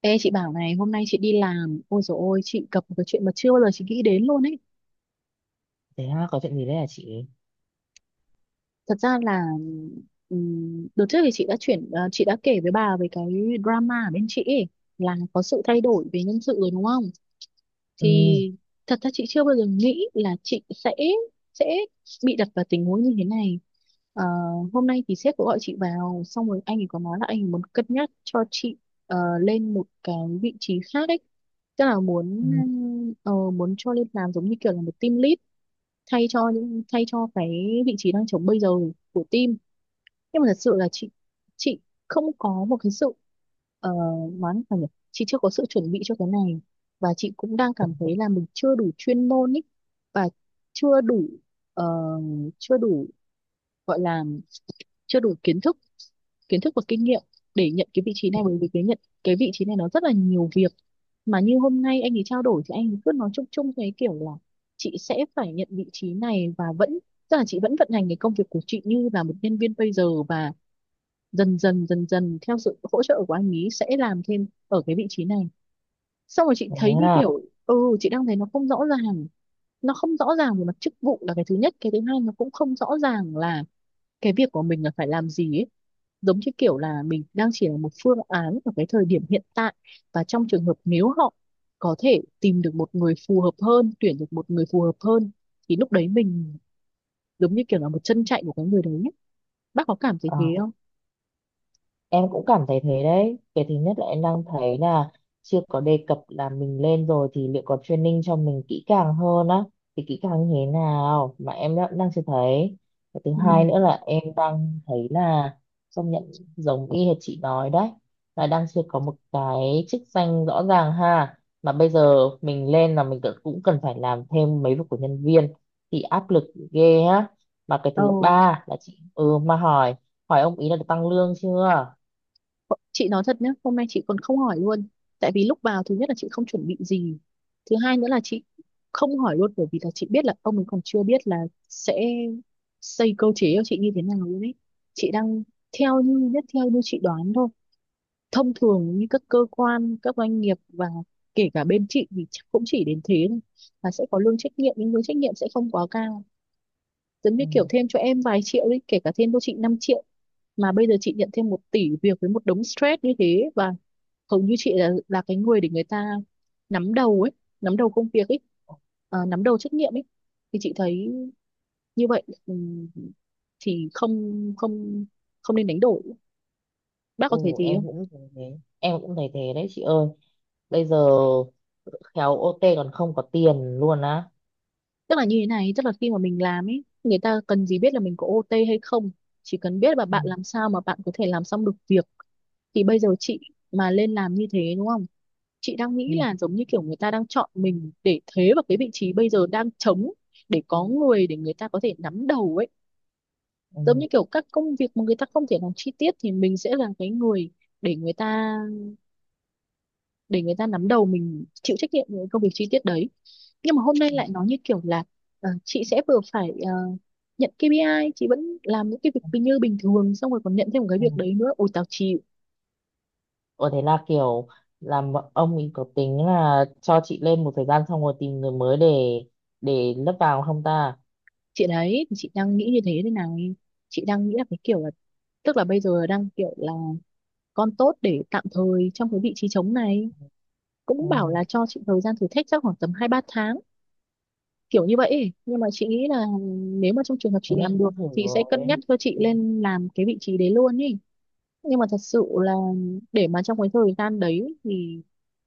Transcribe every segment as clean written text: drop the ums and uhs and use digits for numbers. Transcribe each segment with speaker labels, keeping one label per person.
Speaker 1: Ê chị bảo này, hôm nay chị đi làm ôi dồi ôi chị gặp một cái chuyện mà chưa bao giờ chị nghĩ đến luôn ấy.
Speaker 2: Thế ha, có chuyện gì đấy hả chị?
Speaker 1: Thật ra là đợt trước thì chị đã chuyển chị đã kể với bà về cái drama ở bên chị ấy, là có sự thay đổi về nhân sự rồi đúng không.
Speaker 2: Ừ,
Speaker 1: Thì thật ra chị chưa bao giờ nghĩ là chị sẽ Sẽ bị đặt vào tình huống như thế này. Ờ, Hôm nay thì sếp có gọi chị vào, xong rồi anh ấy có nói là anh ấy muốn cân nhắc cho chị lên một cái vị trí khác ấy, tức là
Speaker 2: ừ.
Speaker 1: muốn muốn cho lên làm giống như kiểu là một team lead, thay cho cái vị trí đang trống bây giờ của team. Nhưng mà thật sự là chị không có một cái sự ờ, nói là nhỉ, chị chưa có sự chuẩn bị cho cái này, và chị cũng đang
Speaker 2: Ừ.
Speaker 1: cảm thấy là mình chưa đủ chuyên môn ý, và chưa đủ ờ, chưa đủ gọi là chưa đủ kiến thức, kiến thức và kinh nghiệm để nhận cái vị trí này. Bởi vì cái nhận cái vị trí này nó rất là nhiều việc, mà như hôm nay anh ấy trao đổi thì anh ấy cứ nói chung chung cái kiểu là chị sẽ phải nhận vị trí này và vẫn, tức là chị vẫn vận hành cái công việc của chị như là một nhân viên bây giờ, và dần dần theo sự hỗ trợ của anh ấy sẽ làm thêm ở cái vị trí này. Xong rồi chị
Speaker 2: Thế
Speaker 1: thấy như
Speaker 2: à,
Speaker 1: kiểu ừ, chị đang thấy nó không rõ ràng. Nó không rõ ràng về mặt chức vụ là cái thứ nhất, cái thứ hai nó cũng không rõ ràng là cái việc của mình là phải làm gì ấy, giống như kiểu là mình đang chỉ là một phương án ở cái thời điểm hiện tại, và trong trường hợp nếu họ có thể tìm được một người phù hợp hơn, tuyển được một người phù hợp hơn thì lúc đấy mình giống như kiểu là một chân chạy của cái người đấy ấy. Bác có cảm thấy thế
Speaker 2: à.
Speaker 1: không?
Speaker 2: Em cũng cảm thấy thế đấy. Cái thứ nhất là em đang thấy là chưa có đề cập là mình lên rồi thì liệu có training cho mình kỹ càng hơn á, thì kỹ càng như thế nào mà em đã, đang chưa thấy. Cái thứ
Speaker 1: Ừ.
Speaker 2: hai nữa là em đang thấy là công nhận giống y hệt chị nói đấy, là đang chưa có một cái chức danh rõ ràng ha. Mà bây giờ mình lên là mình tự- cũng cần phải làm thêm mấy việc của nhân viên thì áp lực ghê á. Mà cái thứ
Speaker 1: Ồ,
Speaker 2: ba là chị ừ mà hỏi hỏi ông ý là được tăng lương chưa?
Speaker 1: chị nói thật nhé, hôm nay chị còn không hỏi luôn. Tại vì lúc vào thứ nhất là chị không chuẩn bị gì, thứ hai nữa là chị không hỏi luôn bởi vì là chị biết là ông ấy còn chưa biết là sẽ xây cơ chế cho chị như thế nào luôn ấy. Chị đang theo như chị đoán thôi, thông thường như các cơ quan các doanh nghiệp và kể cả bên chị thì chắc cũng chỉ đến thế thôi, là sẽ có lương trách nhiệm nhưng lương trách nhiệm sẽ không quá cao, giống như
Speaker 2: Ừ.
Speaker 1: kiểu thêm cho em vài triệu đi, kể cả thêm cho chị 5 triệu. Mà bây giờ chị nhận thêm một tỷ việc với một đống stress như thế, và hầu như chị là cái người để người ta nắm đầu ấy, nắm đầu công việc ấy, nắm đầu trách nhiệm ấy, thì chị thấy như vậy thì không không không nên đánh đổi. Bác
Speaker 2: Ừ,
Speaker 1: có thấy thế?
Speaker 2: em cũng thấy thế, em cũng thấy thế đấy chị ơi. Bây giờ khéo OT còn không có tiền luôn á.
Speaker 1: Tức là như thế này, tức là khi mà mình làm ấy, người ta cần gì biết là mình có OT hay không, chỉ cần biết là
Speaker 2: Ừ.
Speaker 1: bạn làm sao mà bạn có thể làm xong được việc. Thì bây giờ chị mà lên làm như thế đúng không, chị đang nghĩ
Speaker 2: Ừ.
Speaker 1: là giống như kiểu người ta đang chọn mình để thế vào cái vị trí bây giờ đang trống, để có người để người ta có thể nắm đầu ấy, giống
Speaker 2: Ừ.
Speaker 1: như kiểu các công việc mà người ta không thể làm chi tiết thì mình sẽ là cái người để người ta nắm đầu, mình chịu trách nhiệm với công việc chi tiết đấy. Nhưng mà hôm nay
Speaker 2: Ừ.
Speaker 1: lại nói như kiểu là chị sẽ vừa phải nhận KPI, chị vẫn làm những cái việc như bình thường, xong rồi còn nhận thêm một cái
Speaker 2: Ừ.
Speaker 1: việc đấy nữa, ôi tao chịu.
Speaker 2: Ờ, thế là kiểu làm ông ấy có tính là cho chị lên một thời gian xong rồi tìm người mới để lấp vào không ta.
Speaker 1: Chị đấy thì chị đang nghĩ như thế thế này, chị đang nghĩ là cái kiểu là, tức là bây giờ đang kiểu là con tốt để tạm thời trong cái vị trí trống này, cũng bảo
Speaker 2: Ừ.
Speaker 1: là cho chị thời gian thử thách chắc khoảng tầm 2 3 tháng kiểu như vậy ấy. Nhưng mà chị nghĩ là nếu mà trong trường hợp
Speaker 2: Thế
Speaker 1: chị
Speaker 2: nghe
Speaker 1: làm được,
Speaker 2: cũng thử
Speaker 1: chị sẽ cân
Speaker 2: rồi.
Speaker 1: nhắc cho chị
Speaker 2: Ừ.
Speaker 1: lên làm cái vị trí đấy luôn ý. Nhưng mà thật sự là để mà trong cái thời gian đấy thì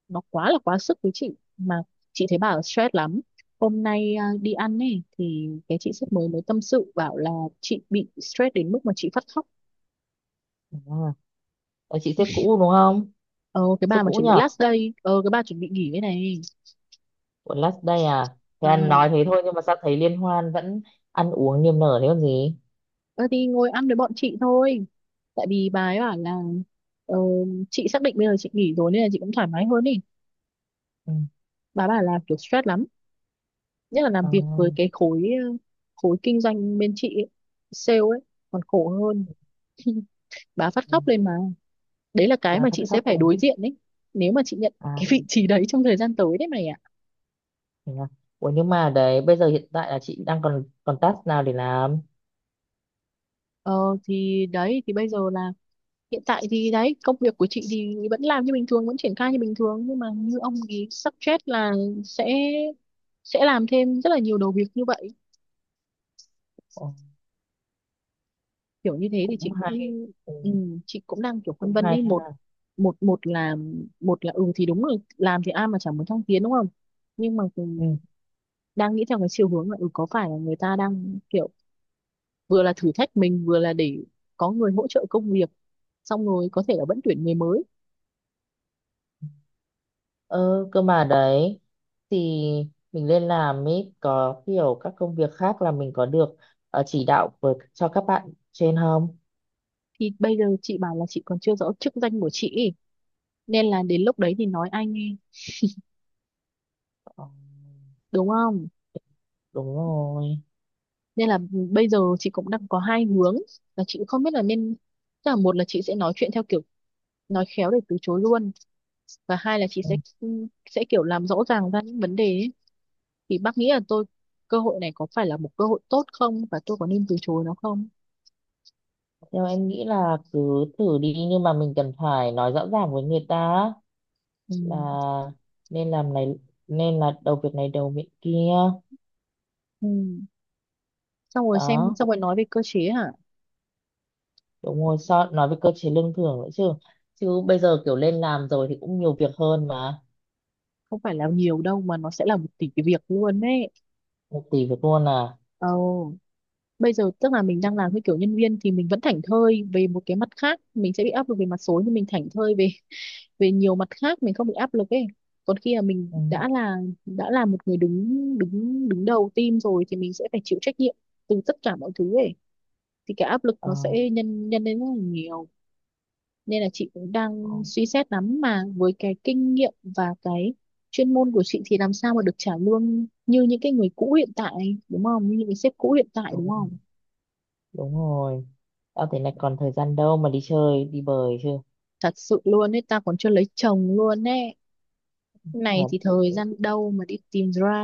Speaker 1: nó quá là quá sức với chị, mà chị thấy bảo stress lắm. Hôm nay à, đi ăn ấy thì cái chị sếp mới mới tâm sự bảo là chị bị stress đến mức mà chị phát khóc.
Speaker 2: Đúng rồi. Ờ, chị sếp cũ đúng không?
Speaker 1: Ờ, cái bà
Speaker 2: Sếp
Speaker 1: mà
Speaker 2: cũ
Speaker 1: chuẩn bị
Speaker 2: nhở,
Speaker 1: last day, ờ cái bà chuẩn bị nghỉ đây này.
Speaker 2: của last day à?
Speaker 1: Ờ.
Speaker 2: Thế anh nói thế thôi nhưng mà sao thấy liên hoan vẫn ăn uống niềm nở thế còn gì.
Speaker 1: ờ, thì ngồi ăn với bọn chị thôi, tại vì bà ấy bảo là ờ, chị xác định bây giờ chị nghỉ rồi nên là chị cũng thoải mái hơn đi.
Speaker 2: Ừ.
Speaker 1: Bà bảo là kiểu stress lắm, nhất là làm
Speaker 2: Ờ,
Speaker 1: việc với cái khối khối kinh doanh bên chị ấy, sale ấy còn khổ hơn. Bà
Speaker 2: ừ,
Speaker 1: phát khóc lên mà. Đấy là cái
Speaker 2: bà
Speaker 1: mà
Speaker 2: phát
Speaker 1: chị sẽ
Speaker 2: khóc
Speaker 1: phải
Speaker 2: rồi.
Speaker 1: đối diện đấy, nếu mà chị nhận
Speaker 2: À,
Speaker 1: cái vị trí đấy trong thời gian tới đấy mày ạ.
Speaker 2: thế à? Ủa nhưng mà đấy bây giờ hiện tại là chị đang còn còn task nào để làm?
Speaker 1: Ờ thì đấy thì Bây giờ là hiện tại thì đấy, công việc của chị thì vẫn làm như bình thường, vẫn triển khai như bình thường, nhưng mà như ông ý suggest là sẽ sẽ làm thêm rất là nhiều đầu việc như vậy.
Speaker 2: Ồ,
Speaker 1: Kiểu như thế thì
Speaker 2: cũng
Speaker 1: chị
Speaker 2: hay.
Speaker 1: cũng
Speaker 2: Ừ,
Speaker 1: ừ, chị cũng đang kiểu phân
Speaker 2: cũng
Speaker 1: vân
Speaker 2: hay
Speaker 1: ấy. Một
Speaker 2: ha.
Speaker 1: một một là Một là ừ thì đúng rồi, làm thì ai mà chẳng muốn thăng tiến đúng không, nhưng mà cũng
Speaker 2: Ừ.
Speaker 1: đang nghĩ theo cái chiều hướng là ừ, có phải là người ta đang kiểu vừa là thử thách mình, vừa là để có người hỗ trợ công việc, xong rồi có thể là vẫn tuyển người mới.
Speaker 2: Ờ cơ mà đấy thì mình lên làm ấy có kiểu các công việc khác là mình có được, ờ, chỉ đạo với cho các bạn trên không?
Speaker 1: Thì bây giờ chị bảo là chị còn chưa rõ chức danh của chị ý, nên là đến lúc đấy thì nói ai nghe,
Speaker 2: Ờ,
Speaker 1: đúng không.
Speaker 2: đúng rồi.
Speaker 1: Nên là bây giờ chị cũng đang có hai hướng, là chị cũng không biết là nên, tức là một là chị sẽ nói chuyện theo kiểu nói khéo để từ chối luôn, và hai là chị
Speaker 2: Ừ.
Speaker 1: sẽ kiểu làm rõ ràng ra những vấn đề ấy. Thì bác nghĩ là tôi, cơ hội này có phải là một cơ hội tốt không, và tôi có nên từ chối nó không?
Speaker 2: Theo em nghĩ là cứ thử đi nhưng mà mình cần phải nói rõ ràng với người ta
Speaker 1: Ừ.
Speaker 2: là nên làm này, nên là đầu việc này đầu việc kia.
Speaker 1: Ừ. Xong rồi xem,
Speaker 2: Đó,
Speaker 1: xong rồi nói về cơ chế hả?
Speaker 2: đúng rồi, sao nói về cơ chế lương thưởng nữa chứ. Chứ bây giờ kiểu lên làm rồi thì cũng nhiều việc hơn mà.
Speaker 1: Không phải là nhiều đâu mà nó sẽ là một tỷ cái việc luôn đấy.
Speaker 2: Một tỷ việc luôn à?
Speaker 1: Ồ, bây giờ tức là mình đang làm cái kiểu nhân viên thì mình vẫn thảnh thơi về một cái, mặt khác mình sẽ bị áp lực về mặt số nhưng mình thảnh thơi về về nhiều mặt khác, mình không bị áp lực ấy. Còn khi mà mình
Speaker 2: Ừ.
Speaker 1: đã là một người đứng đứng đứng đầu team rồi thì mình sẽ phải chịu trách nhiệm từ tất cả mọi thứ ấy, thì cái áp lực
Speaker 2: Ờ,
Speaker 1: nó sẽ nhân nhân lên rất là nhiều. Nên là chị cũng đang suy xét lắm, mà với cái kinh nghiệm và cái chuyên môn của chị thì làm sao mà được trả lương như những cái người cũ hiện tại, đúng không, như những cái sếp cũ hiện tại
Speaker 2: đúng
Speaker 1: đúng
Speaker 2: rồi,
Speaker 1: không.
Speaker 2: đúng rồi. Tao thế này còn thời gian đâu mà đi chơi đi bời chứ.
Speaker 1: Thật sự luôn ấy, ta còn chưa lấy chồng luôn ấy, này
Speaker 2: thật
Speaker 1: thì thời gian đâu mà đi tìm ra.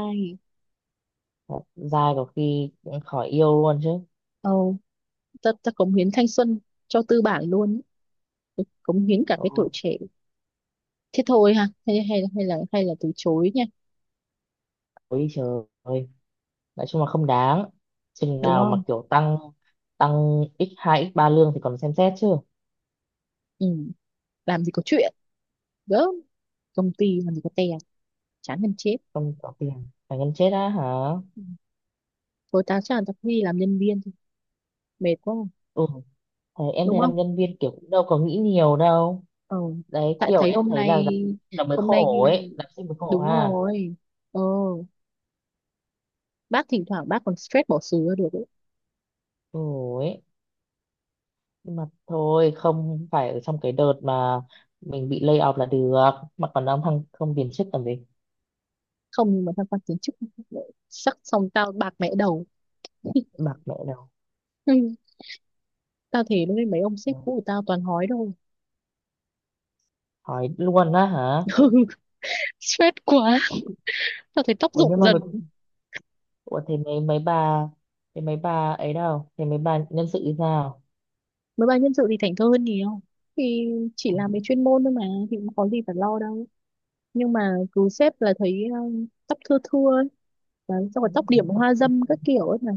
Speaker 2: thật dai có khi cũng khỏi yêu luôn chứ.
Speaker 1: Ồ, ta cống hiến thanh xuân cho tư bản luôn, cống hiến cả cái
Speaker 2: Ôi,
Speaker 1: tuổi trẻ. Thế thôi ha, hay hay hay là từ chối nha,
Speaker 2: ôi trời ơi, nói chung là không đáng. Chừng
Speaker 1: đúng
Speaker 2: nào mà
Speaker 1: không?
Speaker 2: kiểu tăng tăng x hai x ba lương thì còn xem xét chứ.
Speaker 1: Ừ. Làm gì có chuyện, gớm, công ty làm gì có tè, chán gần chết.
Speaker 2: Không có tiền phải gần chết á hả.
Speaker 1: Ừ. Thôi tao chắc là tao đi làm nhân viên thôi, mệt quá.
Speaker 2: Ừ. Thế em
Speaker 1: Đúng
Speaker 2: thấy
Speaker 1: không.
Speaker 2: làm nhân viên kiểu cũng đâu có nghĩ nhiều đâu.
Speaker 1: Ờ,
Speaker 2: Đấy,
Speaker 1: tại
Speaker 2: kiểu
Speaker 1: thấy
Speaker 2: em
Speaker 1: hôm
Speaker 2: thấy là
Speaker 1: nay,
Speaker 2: làm nó mới
Speaker 1: hôm nay
Speaker 2: khổ ấy, làm sinh mới khổ
Speaker 1: đúng
Speaker 2: ha.
Speaker 1: rồi. Ờ, bác thỉnh thoảng bác còn stress bỏ xứ ra được ấy.
Speaker 2: Khổ ấy. Nhưng mà thôi không phải ở trong cái đợt mà mình bị lay off là được. Mà còn đang thăng không tiền chức làm gì.
Speaker 1: Không, nhưng mà tham quan kiến trúc sắc xong tao bạc mẹ đầu.
Speaker 2: Bạc mẹ đâu.
Speaker 1: Ừ, tao thể lúc mấy ông
Speaker 2: Ừ.
Speaker 1: sếp cũ của tao toàn hói đâu.
Speaker 2: Hỏi luôn á hả?
Speaker 1: Ừ, stress quá, tao thấy tóc
Speaker 2: Ủa nhưng
Speaker 1: rụng
Speaker 2: mà mấy,
Speaker 1: dần.
Speaker 2: ủa thế mấy mấy bà thế mấy bà ấy đâu, thế mấy bà nhân sự thì sao?
Speaker 1: Mấy bài nhân sự thì thảnh thơi hơn nhiều, thì chỉ
Speaker 2: À,
Speaker 1: làm về chuyên môn thôi mà, thì cũng có gì phải lo đâu. Nhưng mà cứ sếp là thấy tóc thưa thưa ấy. Đấy, xong
Speaker 2: ừ,
Speaker 1: rồi tóc điểm hoa dâm các kiểu ấy mà.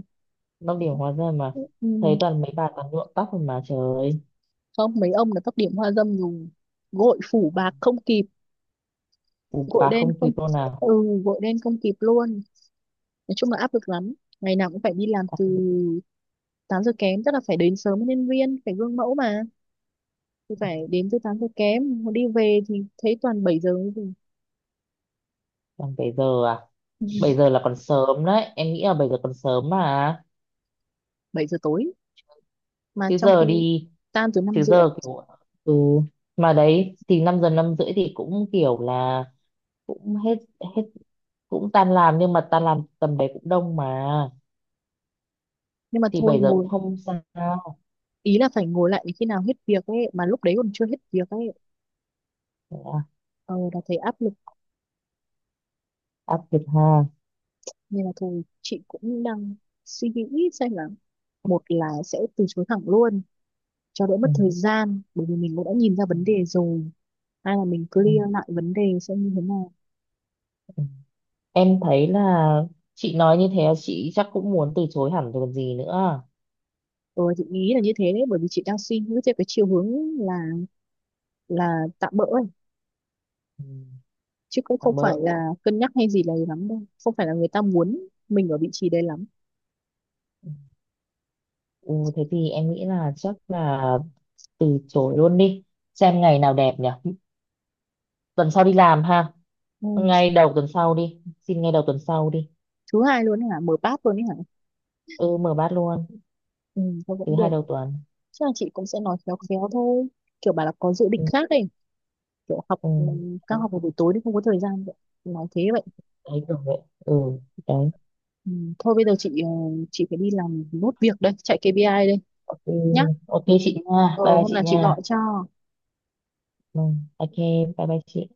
Speaker 2: Long điểm hóa ra mà.
Speaker 1: Ừ.
Speaker 2: Thấy toàn mấy bà toàn nhuộm tóc rồi mà trời ơi.
Speaker 1: Không, mấy ông là tóc điểm hoa dâm dùng gội phủ bạc không kịp,
Speaker 2: Bù
Speaker 1: gội
Speaker 2: bà
Speaker 1: đen
Speaker 2: không
Speaker 1: không,
Speaker 2: kịp luôn nào.
Speaker 1: ừ, gội đen không kịp luôn. Nói chung là áp lực lắm, ngày nào cũng phải đi làm từ 8 giờ kém, tức là phải đến sớm với nhân viên phải gương mẫu mà, thì phải đến từ 8 giờ kém. Mà đi về thì thấy toàn 7 giờ,
Speaker 2: Còn bảy giờ à? Bảy giờ là còn sớm đấy, em nghĩ là 7 giờ còn sớm mà.
Speaker 1: 7 giờ tối, mà
Speaker 2: Chứ
Speaker 1: trong
Speaker 2: giờ
Speaker 1: khi
Speaker 2: đi.
Speaker 1: tan từ năm
Speaker 2: Chứ
Speaker 1: rưỡi
Speaker 2: giờ kiểu. Ừ. Mà đấy thì 5 giờ 5 rưỡi thì cũng kiểu là cũng hết, hết, cũng tan làm. Nhưng mà tan làm tầm đấy cũng đông mà.
Speaker 1: Nhưng mà
Speaker 2: Thì
Speaker 1: thôi,
Speaker 2: 7 giờ cũng
Speaker 1: ngồi,
Speaker 2: không sao.
Speaker 1: ý là phải ngồi lại đến khi nào hết việc ấy, mà lúc đấy còn chưa hết việc ấy.
Speaker 2: Thế à,
Speaker 1: Ờ, là thấy áp lực.
Speaker 2: áp lực ha.
Speaker 1: Nên là thôi chị cũng đang suy nghĩ xem là, một là sẽ từ chối thẳng luôn cho đỡ
Speaker 2: Ừ.
Speaker 1: mất thời gian, bởi vì mình cũng đã nhìn ra
Speaker 2: Ừ.
Speaker 1: vấn đề rồi, hay là mình
Speaker 2: Ừ.
Speaker 1: clear lại vấn đề xem như thế nào.
Speaker 2: Ừ. Em thấy là chị nói như thế là chị chắc cũng muốn từ chối hẳn rồi còn gì nữa.
Speaker 1: Ờ, chị nghĩ là như thế đấy, bởi vì chị đang suy nghĩ theo cái chiều hướng là tạm bỡ ấy.
Speaker 2: Ừ,
Speaker 1: Chứ cũng không
Speaker 2: tạm
Speaker 1: phải
Speaker 2: bỡ.
Speaker 1: là cân nhắc hay gì là lắm đâu, không phải là người ta muốn mình ở vị trí đấy lắm.
Speaker 2: Ừ, thế thì em nghĩ là chắc là từ chối luôn đi. Xem ngày nào đẹp nhỉ, tuần sau đi làm ha.
Speaker 1: Ừ.
Speaker 2: Ngay đầu tuần sau đi, xin ngay đầu tuần sau đi.
Speaker 1: Thứ hai luôn ấy hả, mở bát luôn ấy hả.
Speaker 2: Ừ mở bát luôn.
Speaker 1: Ừ, thôi
Speaker 2: Thứ
Speaker 1: vẫn được.
Speaker 2: hai đầu tuần.
Speaker 1: Chắc là chị cũng sẽ nói khéo khéo thôi, kiểu bà là có dự định
Speaker 2: Ừ,
Speaker 1: khác ấy, kiểu học
Speaker 2: ừ.
Speaker 1: ừ, các
Speaker 2: Đấy.
Speaker 1: học vào buổi tối thì không có thời gian vậy, nói thế vậy.
Speaker 2: Đấy, kiểu vậy. Ừ. Đấy.
Speaker 1: Ừ. Thôi bây giờ chị chị phải đi làm nốt việc đây, chạy KPI đây
Speaker 2: Ok.
Speaker 1: nhá.
Speaker 2: Ok chị nha,
Speaker 1: Ờ
Speaker 2: bye
Speaker 1: hôm
Speaker 2: chị
Speaker 1: nào chị
Speaker 2: nha.
Speaker 1: gọi cho
Speaker 2: Ừ, ok, bye bye chị.